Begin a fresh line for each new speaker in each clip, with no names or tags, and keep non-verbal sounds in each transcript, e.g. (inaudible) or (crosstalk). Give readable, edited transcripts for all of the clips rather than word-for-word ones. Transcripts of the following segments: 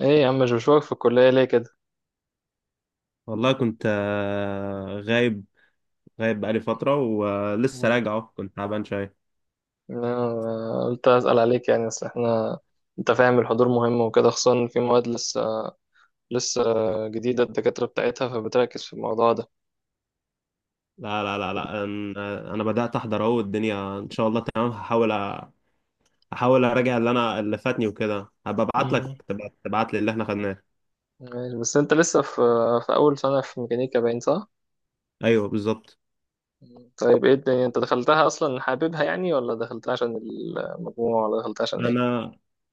ايه يا عم مش بشوفك في الكلية ليه كده؟
والله كنت غايب بقالي فترة ولسه
مم.
راجع أهو، كنت تعبان شوية.
أنا قلت أسأل عليك يعني أصل احنا أنت فاهم الحضور مهم وكده خصوصا إن في مواد لسه جديدة الدكاترة بتاعتها فبتركز في الموضوع ده.
لا لا لا لا، أنا بدأت أحضر أهو، الدنيا إن شاء الله تمام. هحاول أ- أحاول أراجع اللي اللي فاتني وكده، هبقى أبعت لك
مم.
تبعت لي اللي إحنا خدناه.
ماشي، بس أنت لسه في أول سنة في ميكانيكا باين صح؟
أيوه بالظبط.
مم. طيب ايه الدنيا أنت دخلتها أصلا حاببها يعني ولا دخلتها عشان المجموع ولا دخلتها عشان ايه؟
أنا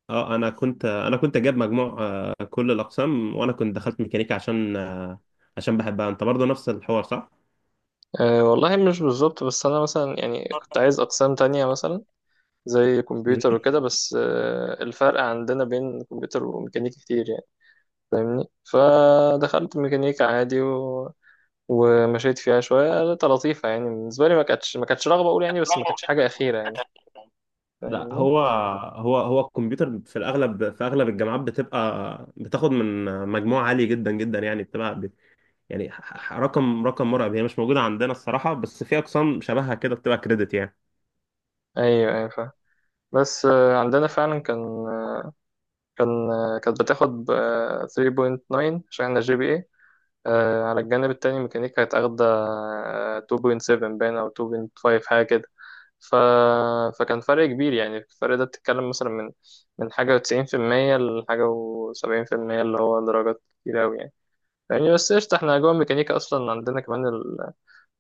أنا كنت جايب مجموع كل الأقسام، وأنا كنت دخلت ميكانيكا عشان بحبها. أنت برضه نفس الحوار صح؟
أه والله مش بالظبط بس أنا مثلا يعني كنت عايز أقسام تانية مثلا زي
زي
كمبيوتر وكده بس الفرق عندنا بين كمبيوتر وميكانيكا كتير يعني فاهمني. فدخلت ميكانيكا عادي و... ومشيت فيها شوية كانت لطيفة يعني بالنسبة لي ما كانتش رغبة أقول
(laughs)
يعني بس ما كانتش حاجة أخيرة يعني
لا،
فاهمني.
هو الكمبيوتر في اغلب الجامعات بتبقى بتاخد من مجموع عالي جدا جدا، يعني بتبقى يعني رقم مرعب. هي مش موجوده عندنا الصراحه، بس في اقسام شبهها كده بتبقى كريدت يعني.
أيوه أيوه فاهم. بس عندنا فعلا كان آه، كانت بتاخد 3.9 عشان احنا جي بي اي، على الجانب التاني ميكانيكا كانت اخدة 2.7 باين أو 2.5 حاجة كده. ف... فكان فرق كبير يعني الفرق ده بتتكلم مثلا من حاجة وتسعين في المية لحاجة وسبعين في المية اللي هو درجات كتير أوي يعني. يعني بس قشطة، احنا جوه الميكانيكا أصلا عندنا كمان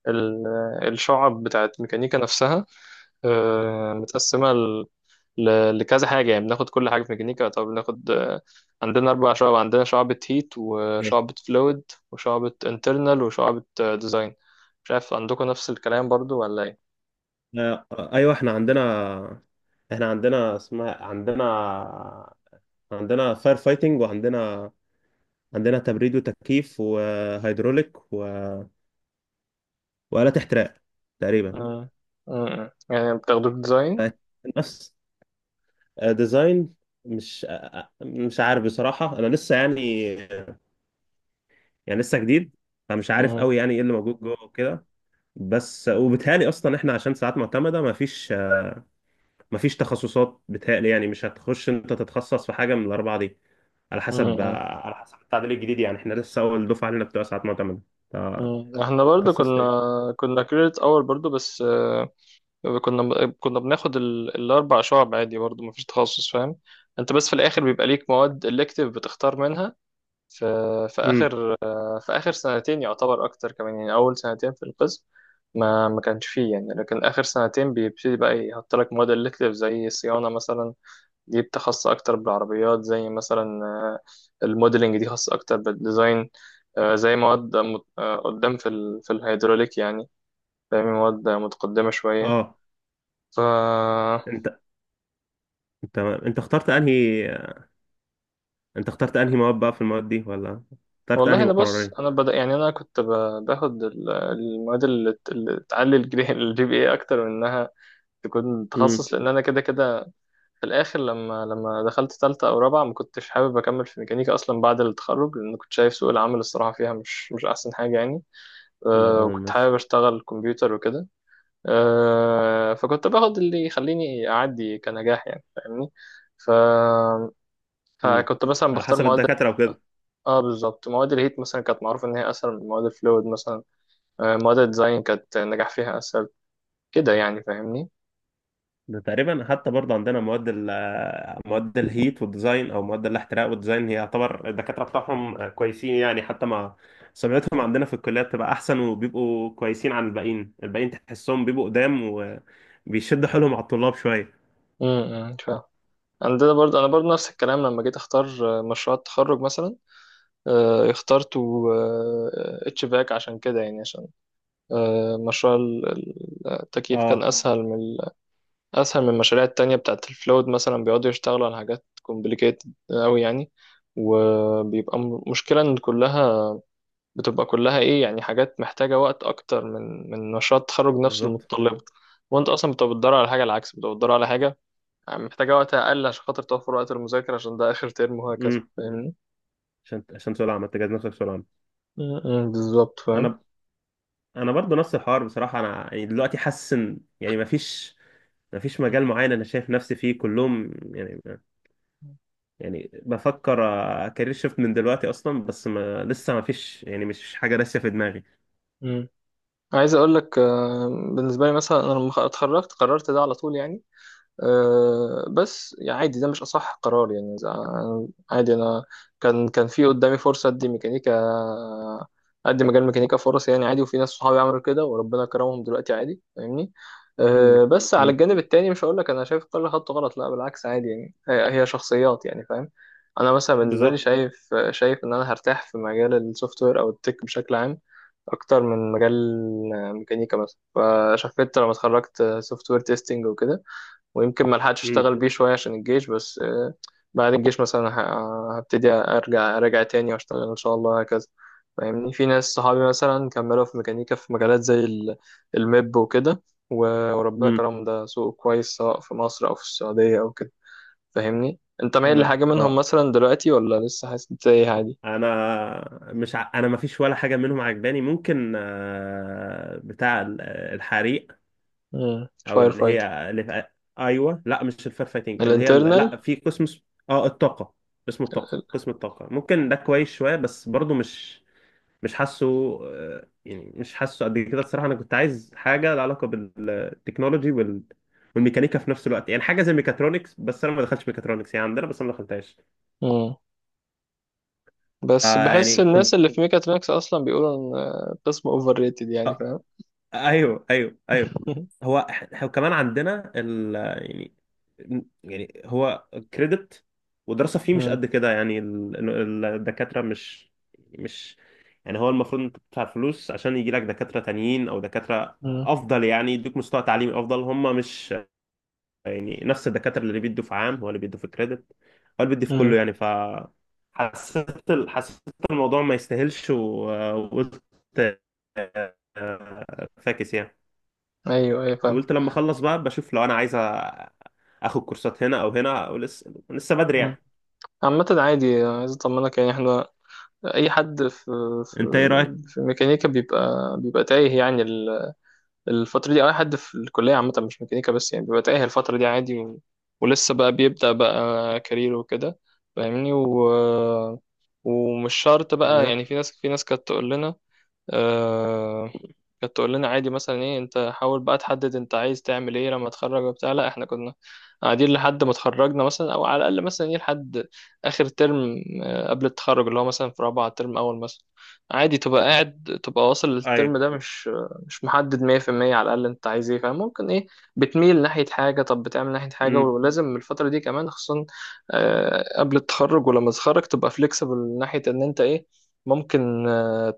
ال... الشعب بتاعت ميكانيكا نفسها متقسمة لكذا حاجة يعني بناخد كل حاجة في ميكانيكا. طب بناخد عندنا أربع شعب، عندنا شعبة هيت
مم.
وشعبة فلويد وشعبة انترنال وشعبة ديزاين. مش عارف عندكم نفس الكلام برضو ولا إيه؟
آه، ايوه احنا عندنا، احنا عندنا اسمها عندنا عندنا فاير فايتنج، عندنا تبريد وتكييف وهيدروليك وآلات احتراق تقريبا.
مم. مم. يعني بتاخدوه في ديزاين.
آه، نفس ديزاين. مش آه، آه، مش عارف بصراحة، أنا لسه يعني، لسه جديد. فمش عارف
مم.
قوي يعني ايه اللي موجود جوه وكده. بس وبيتهيألي اصلا احنا، عشان ساعات معتمدة مفيش مفيش تخصصات. بيتهيألي يعني مش هتخش انت تتخصص في حاجة من الأربعة دي، على حسب
مم.
على حسب التعديل الجديد، يعني احنا لسه أول دفعة لنا بتوع ساعات معتمدة.
مم. احنا برضو
فتخصصت ايه؟
كنا كنا كريدت اور برضو، بس كنا كنا بناخد الاربع شعب عادي برضو مفيش تخصص فاهم؟ انت بس في الاخر بيبقى ليك مواد الكتيف بتختار منها في
امم،
اخر في اخر سنتين يعتبر اكتر كمان، يعني اول سنتين في القسم ما كانش فيه يعني، لكن اخر سنتين بيبتدي بقى يحط لك مواد الكتيف زي صيانة مثلا جبت خاصة أكتر بالعربيات، زي مثلا الموديلنج دي خاصة أكتر بالديزاين، زي مواد قدام في الهيدروليك يعني فاهمين، مواد متقدمة شوية.
اه،
ف
انت انت اخترت انهي، انت اخترت انهي مواد بقى، في المواد دي، ولا اخترت
والله
انهي
أنا بص،
مقررين؟
أنا بدأ يعني أنا باخد المواد اللي تعلي الجري (laughs) الجي بي إيه أكتر من إنها تكون
امم.
تخصص، لأن أنا كده كده في الآخر لما دخلت تالتة أو رابعة ما كنتش حابب أكمل في ميكانيكا أصلا بعد التخرج، لأن كنت شايف سوق العمل الصراحة فيها مش أحسن حاجة يعني.
ده اه
وكنت
ماشي.
حابب اشتغل كمبيوتر وكده. فكنت باخد اللي يخليني اعدي كنجاح يعني فاهمني. ف...
مم.
فكنت مثلا
على
بختار
حسب
مواد.
الدكاترة وكده.
اه بالظبط، مواد الهيت مثلا كانت معروف ان هي اسهل من مواد الفلويد مثلا، مواد الديزاين كانت النجاح فيها اسهل كده يعني فاهمني.
ده تقريبا حتى برضه عندنا مواد ال آه، مواد الهيت والديزاين او مواد الاحتراق والديزاين، هي يعتبر الدكاترة بتاعهم كويسين يعني، حتى مع سمعتهم عندنا في الكلية بتبقى احسن وبيبقوا كويسين عن الباقيين. تحسهم بيبقوا قدام وبيشدوا حيلهم على الطلاب شوية.
فاهم. عندنا برضه انا برضه نفس الكلام لما جيت اختار مشروع التخرج مثلا، اخترت اتش فاك عشان كده يعني، عشان مشروع التكييف كان
اه
اسهل من اسهل من المشاريع التانية بتاعت الفلويد مثلا بيقعدوا يشتغلوا على حاجات كومبليكيتد قوي يعني. وبيبقى مشكلة ان كلها بتبقى كلها ايه يعني، حاجات محتاجة وقت اكتر من مشروع التخرج نفسه
بالظبط.
المتطلبة. وانت اصلا بتبقى بتدور على حاجة، العكس بتبقى بتدور على حاجة يعني محتاجة وقت اقل عشان خاطر توفر وقت المذاكرة عشان ده اخر ترم وهكذا
امم.
فاهمني.
عشان سؤال عامة، تجهز نفسك، سؤال عام.
م- م، بالظبط فاهم.
انا انا برضه نفس الحوار بصراحة، انا يعني دلوقتي حاسس ان يعني مفيش مجال معين انا شايف نفسي فيه كلهم يعني. يعني بفكر كارير شيفت من دلوقتي اصلا، بس ما لسه ما فيش يعني، مش حاجه راسيه في دماغي.
مم. عايز اقول لك بالنسبه لي مثلا انا لما اتخرجت قررت ده على طول يعني. أه بس يعني عادي ده مش أصح قرار يعني عادي أنا كان في قدامي فرصة أدي ميكانيكا، أدي مجال ميكانيكا فرص يعني عادي، وفي ناس صحابي عملوا كده وربنا كرمهم دلوقتي عادي فاهمني.
مم.
أه بس على
مم.
الجانب التاني مش هقول لك أنا شايف كل خط غلط، لا بالعكس عادي يعني هي هي شخصيات يعني فاهم. أنا مثلا بالنسبة لي
بالظبط.
شايف شايف إن أنا هرتاح في مجال السوفت وير أو التك بشكل عام أكتر من مجال ميكانيكا مثلا. فشفت لما اتخرجت سوفت وير تيستنج وكده، ويمكن ما لحقتش
مم.
اشتغل بيه شويه عشان الجيش، بس بعد الجيش مثلا هبتدي ارجع تاني واشتغل ان شاء الله هكذا فاهمني. في ناس صحابي مثلا كملوا في ميكانيكا في مجالات زي الميب وكده، وربنا
امم.
كرم ده سوق كويس سواء في مصر او في السعوديه او كده فاهمني. انت مايل
انا
لحاجه منهم
اه
مثلا دلوقتي ولا لسه حاسس إنت ايه عادي؟
انا مش ع... انا ما فيش ولا حاجه منهم عجباني. ممكن بتاع الحريق، او
فاير
اللي
فايتر.
هي اللي في... ايوه لا، مش الفير فايتنج، اللي هي لا
الانترنال.
في قسم الطاقه. اسمه الطاقه قسم الطاقه ممكن ده كويس شويه، بس برضو مش حاسه يعني مش حاسه قد كده الصراحه. انا كنت عايز حاجه لها علاقه بالتكنولوجي والميكانيكا في نفس الوقت يعني، حاجه زي ميكاترونكس، بس انا ما دخلتش ميكاترونكس يعني عندنا، بس انا ما دخلتهاش.
امم. بس بحس
فيعني
الناس
كنت.
اللي في ميكاترونكس اصلا بيقولوا ان قسم اوفر ريتد يعني فاهم.
ايوه ايوه ايوه.
(laughs)
هو احنا كمان عندنا ال يعني يعني هو كريدت ودراسه فيه مش قد كده يعني، الدكاتره مش يعني، هو المفروض انت تدفع فلوس عشان يجي لك دكاتره تانيين او دكاتره
مم.
افضل يعني، يدوك مستوى تعليمي افضل. هم مش يعني نفس الدكاتره اللي بيدوا في عام، هو اللي بيدوا في كريدت، هو اللي بيدي في
مم.
كله يعني ف. حسيت الموضوع ما يستاهلش، وقلت فاكس يعني.
ايوه ايوه فاهم.
وقلت لما اخلص بقى بشوف لو انا عايز اخد كورسات هنا او هنا، او لسه بدري
مم.
يعني.
عامة عادي عايز اطمنك، يعني احنا اي حد في
انت ايه رايك؟
في ميكانيكا بيبقى بيبقى تايه يعني الفترة دي، او اي حد في الكلية عامة مش ميكانيكا بس يعني بيبقى تايه الفترة دي عادي، و... ولسه بقى بيبدأ بقى كارير وكده فاهمني. و... ومش شرط بقى يعني،
بالظبط.
في ناس كانت تقول لنا آه، كانت تقول لنا عادي مثلا ايه، انت حاول بقى تحدد انت عايز تعمل ايه لما تتخرج وبتاع. لا احنا كنا قاعدين لحد ما اتخرجنا مثلا، او على الاقل مثلا ايه لحد اخر ترم قبل التخرج اللي هو مثلا في رابعه ترم اول مثلا، عادي تبقى قاعد تبقى واصل للترم
ايوه.
ده مش محدد 100% على الاقل انت عايز ايه فاهم. ممكن ايه بتميل ناحيه حاجه، طب بتعمل ناحيه حاجه.
امم.
ولازم الفتره دي كمان خصوصا قبل التخرج ولما تتخرج تبقى فليكسبل ناحيه ان انت ايه، ممكن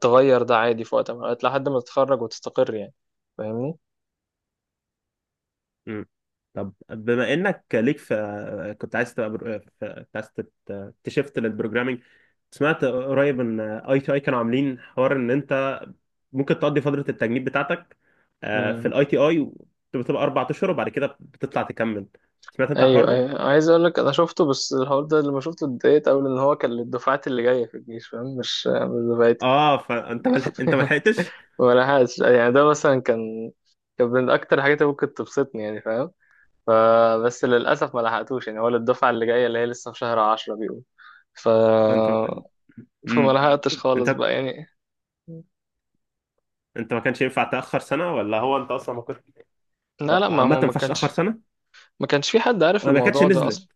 تغير ده عادي في وقت من الأوقات لحد ما تتخرج وتستقر يعني فاهمني.
امم. طب، بما انك ليك في، كنت عايز تبقى برو... في... كنت عايز تبقى- تشفت للبروجرامينج. سمعت قريب ان ITI كانوا عاملين حوار ان انت ممكن تقضي فتره التجنيد بتاعتك في
امم.
الـITI، بتبقى 4 اشهر وبعد كده بتطلع تكمل. سمعت انت الحوار
ايوه
ده؟
ايوه عايز اقول لك انا شفته، بس الحوار ده لما شفته اتضايقت قوي ان هو كان للدفعات اللي جايه في الجيش فاهم، مش دفعتي.
اه، فانت ملح... انت ما
(laughs)
لحقتش؟
ولا حاجه، يعني ده مثلا كان كان من اكتر الحاجات اللي ممكن تبسطني يعني فاهم. فبس للاسف ما لحقتوش يعني، هو للدفعه اللي جايه اللي هي لسه في شهر 10 بيقول. ف
انت
فما
امم
لحقتش
انت
خالص بقى يعني.
ما كانش ينفع تاخر سنه، ولا هو انت اصلا ما كنت
لا لا ما
عامه ما
هو ما
ينفعش تاخر
كانش،
سنه؟
ما كانش في حد عارف
انا ما كانتش
الموضوع ده
نزلت.
اصلا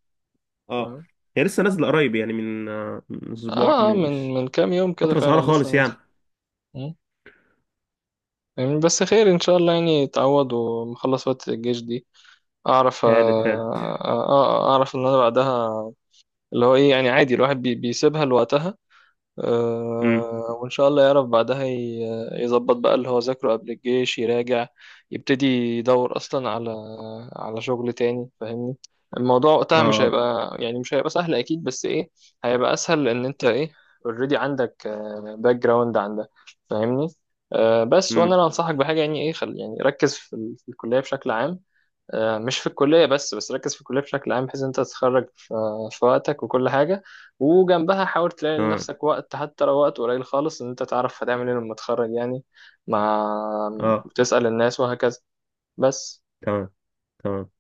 اه،
فاهم؟
هي لسه نازله قريب يعني، من من اسبوع،
اه
من
من
مش
كام يوم كده
فتره صغيره
فعلا لسه
خالص
نازل.
يعني.
مم. يعني بس خير ان شاء الله، يعني اتعوض ومخلص فترة الجيش دي اعرف
هانت هانت.
اعرف ان انا بعدها اللي هو ايه يعني عادي الواحد بيسيبها لوقتها.
امم.
وإن شاء الله يعرف بعدها يظبط بقى اللي هو ذاكره قبل الجيش يراجع، يبتدي يدور أصلا على على شغل تاني فاهمني. الموضوع وقتها
اه.
مش هيبقى سهل أكيد، بس إيه هيبقى أسهل لأن أنت إيه أوريدي عندك باك جراوند عندك فاهمني. بس وأنا
امم.
اللي أنصحك بحاجة يعني إيه، خل يعني ركز في, في الكلية بشكل عام. مش في الكلية بس، بس ركز في الكلية بشكل عام بحيث إن أنت تتخرج في في وقتك وكل حاجة، وجنبها حاول تلاقي
تمام.
لنفسك وقت حتى لو وقت قليل خالص إن أنت تعرف هتعمل إيه لما تتخرج يعني. مع
اه.
وتسأل الناس وهكذا بس.
تمام تمام.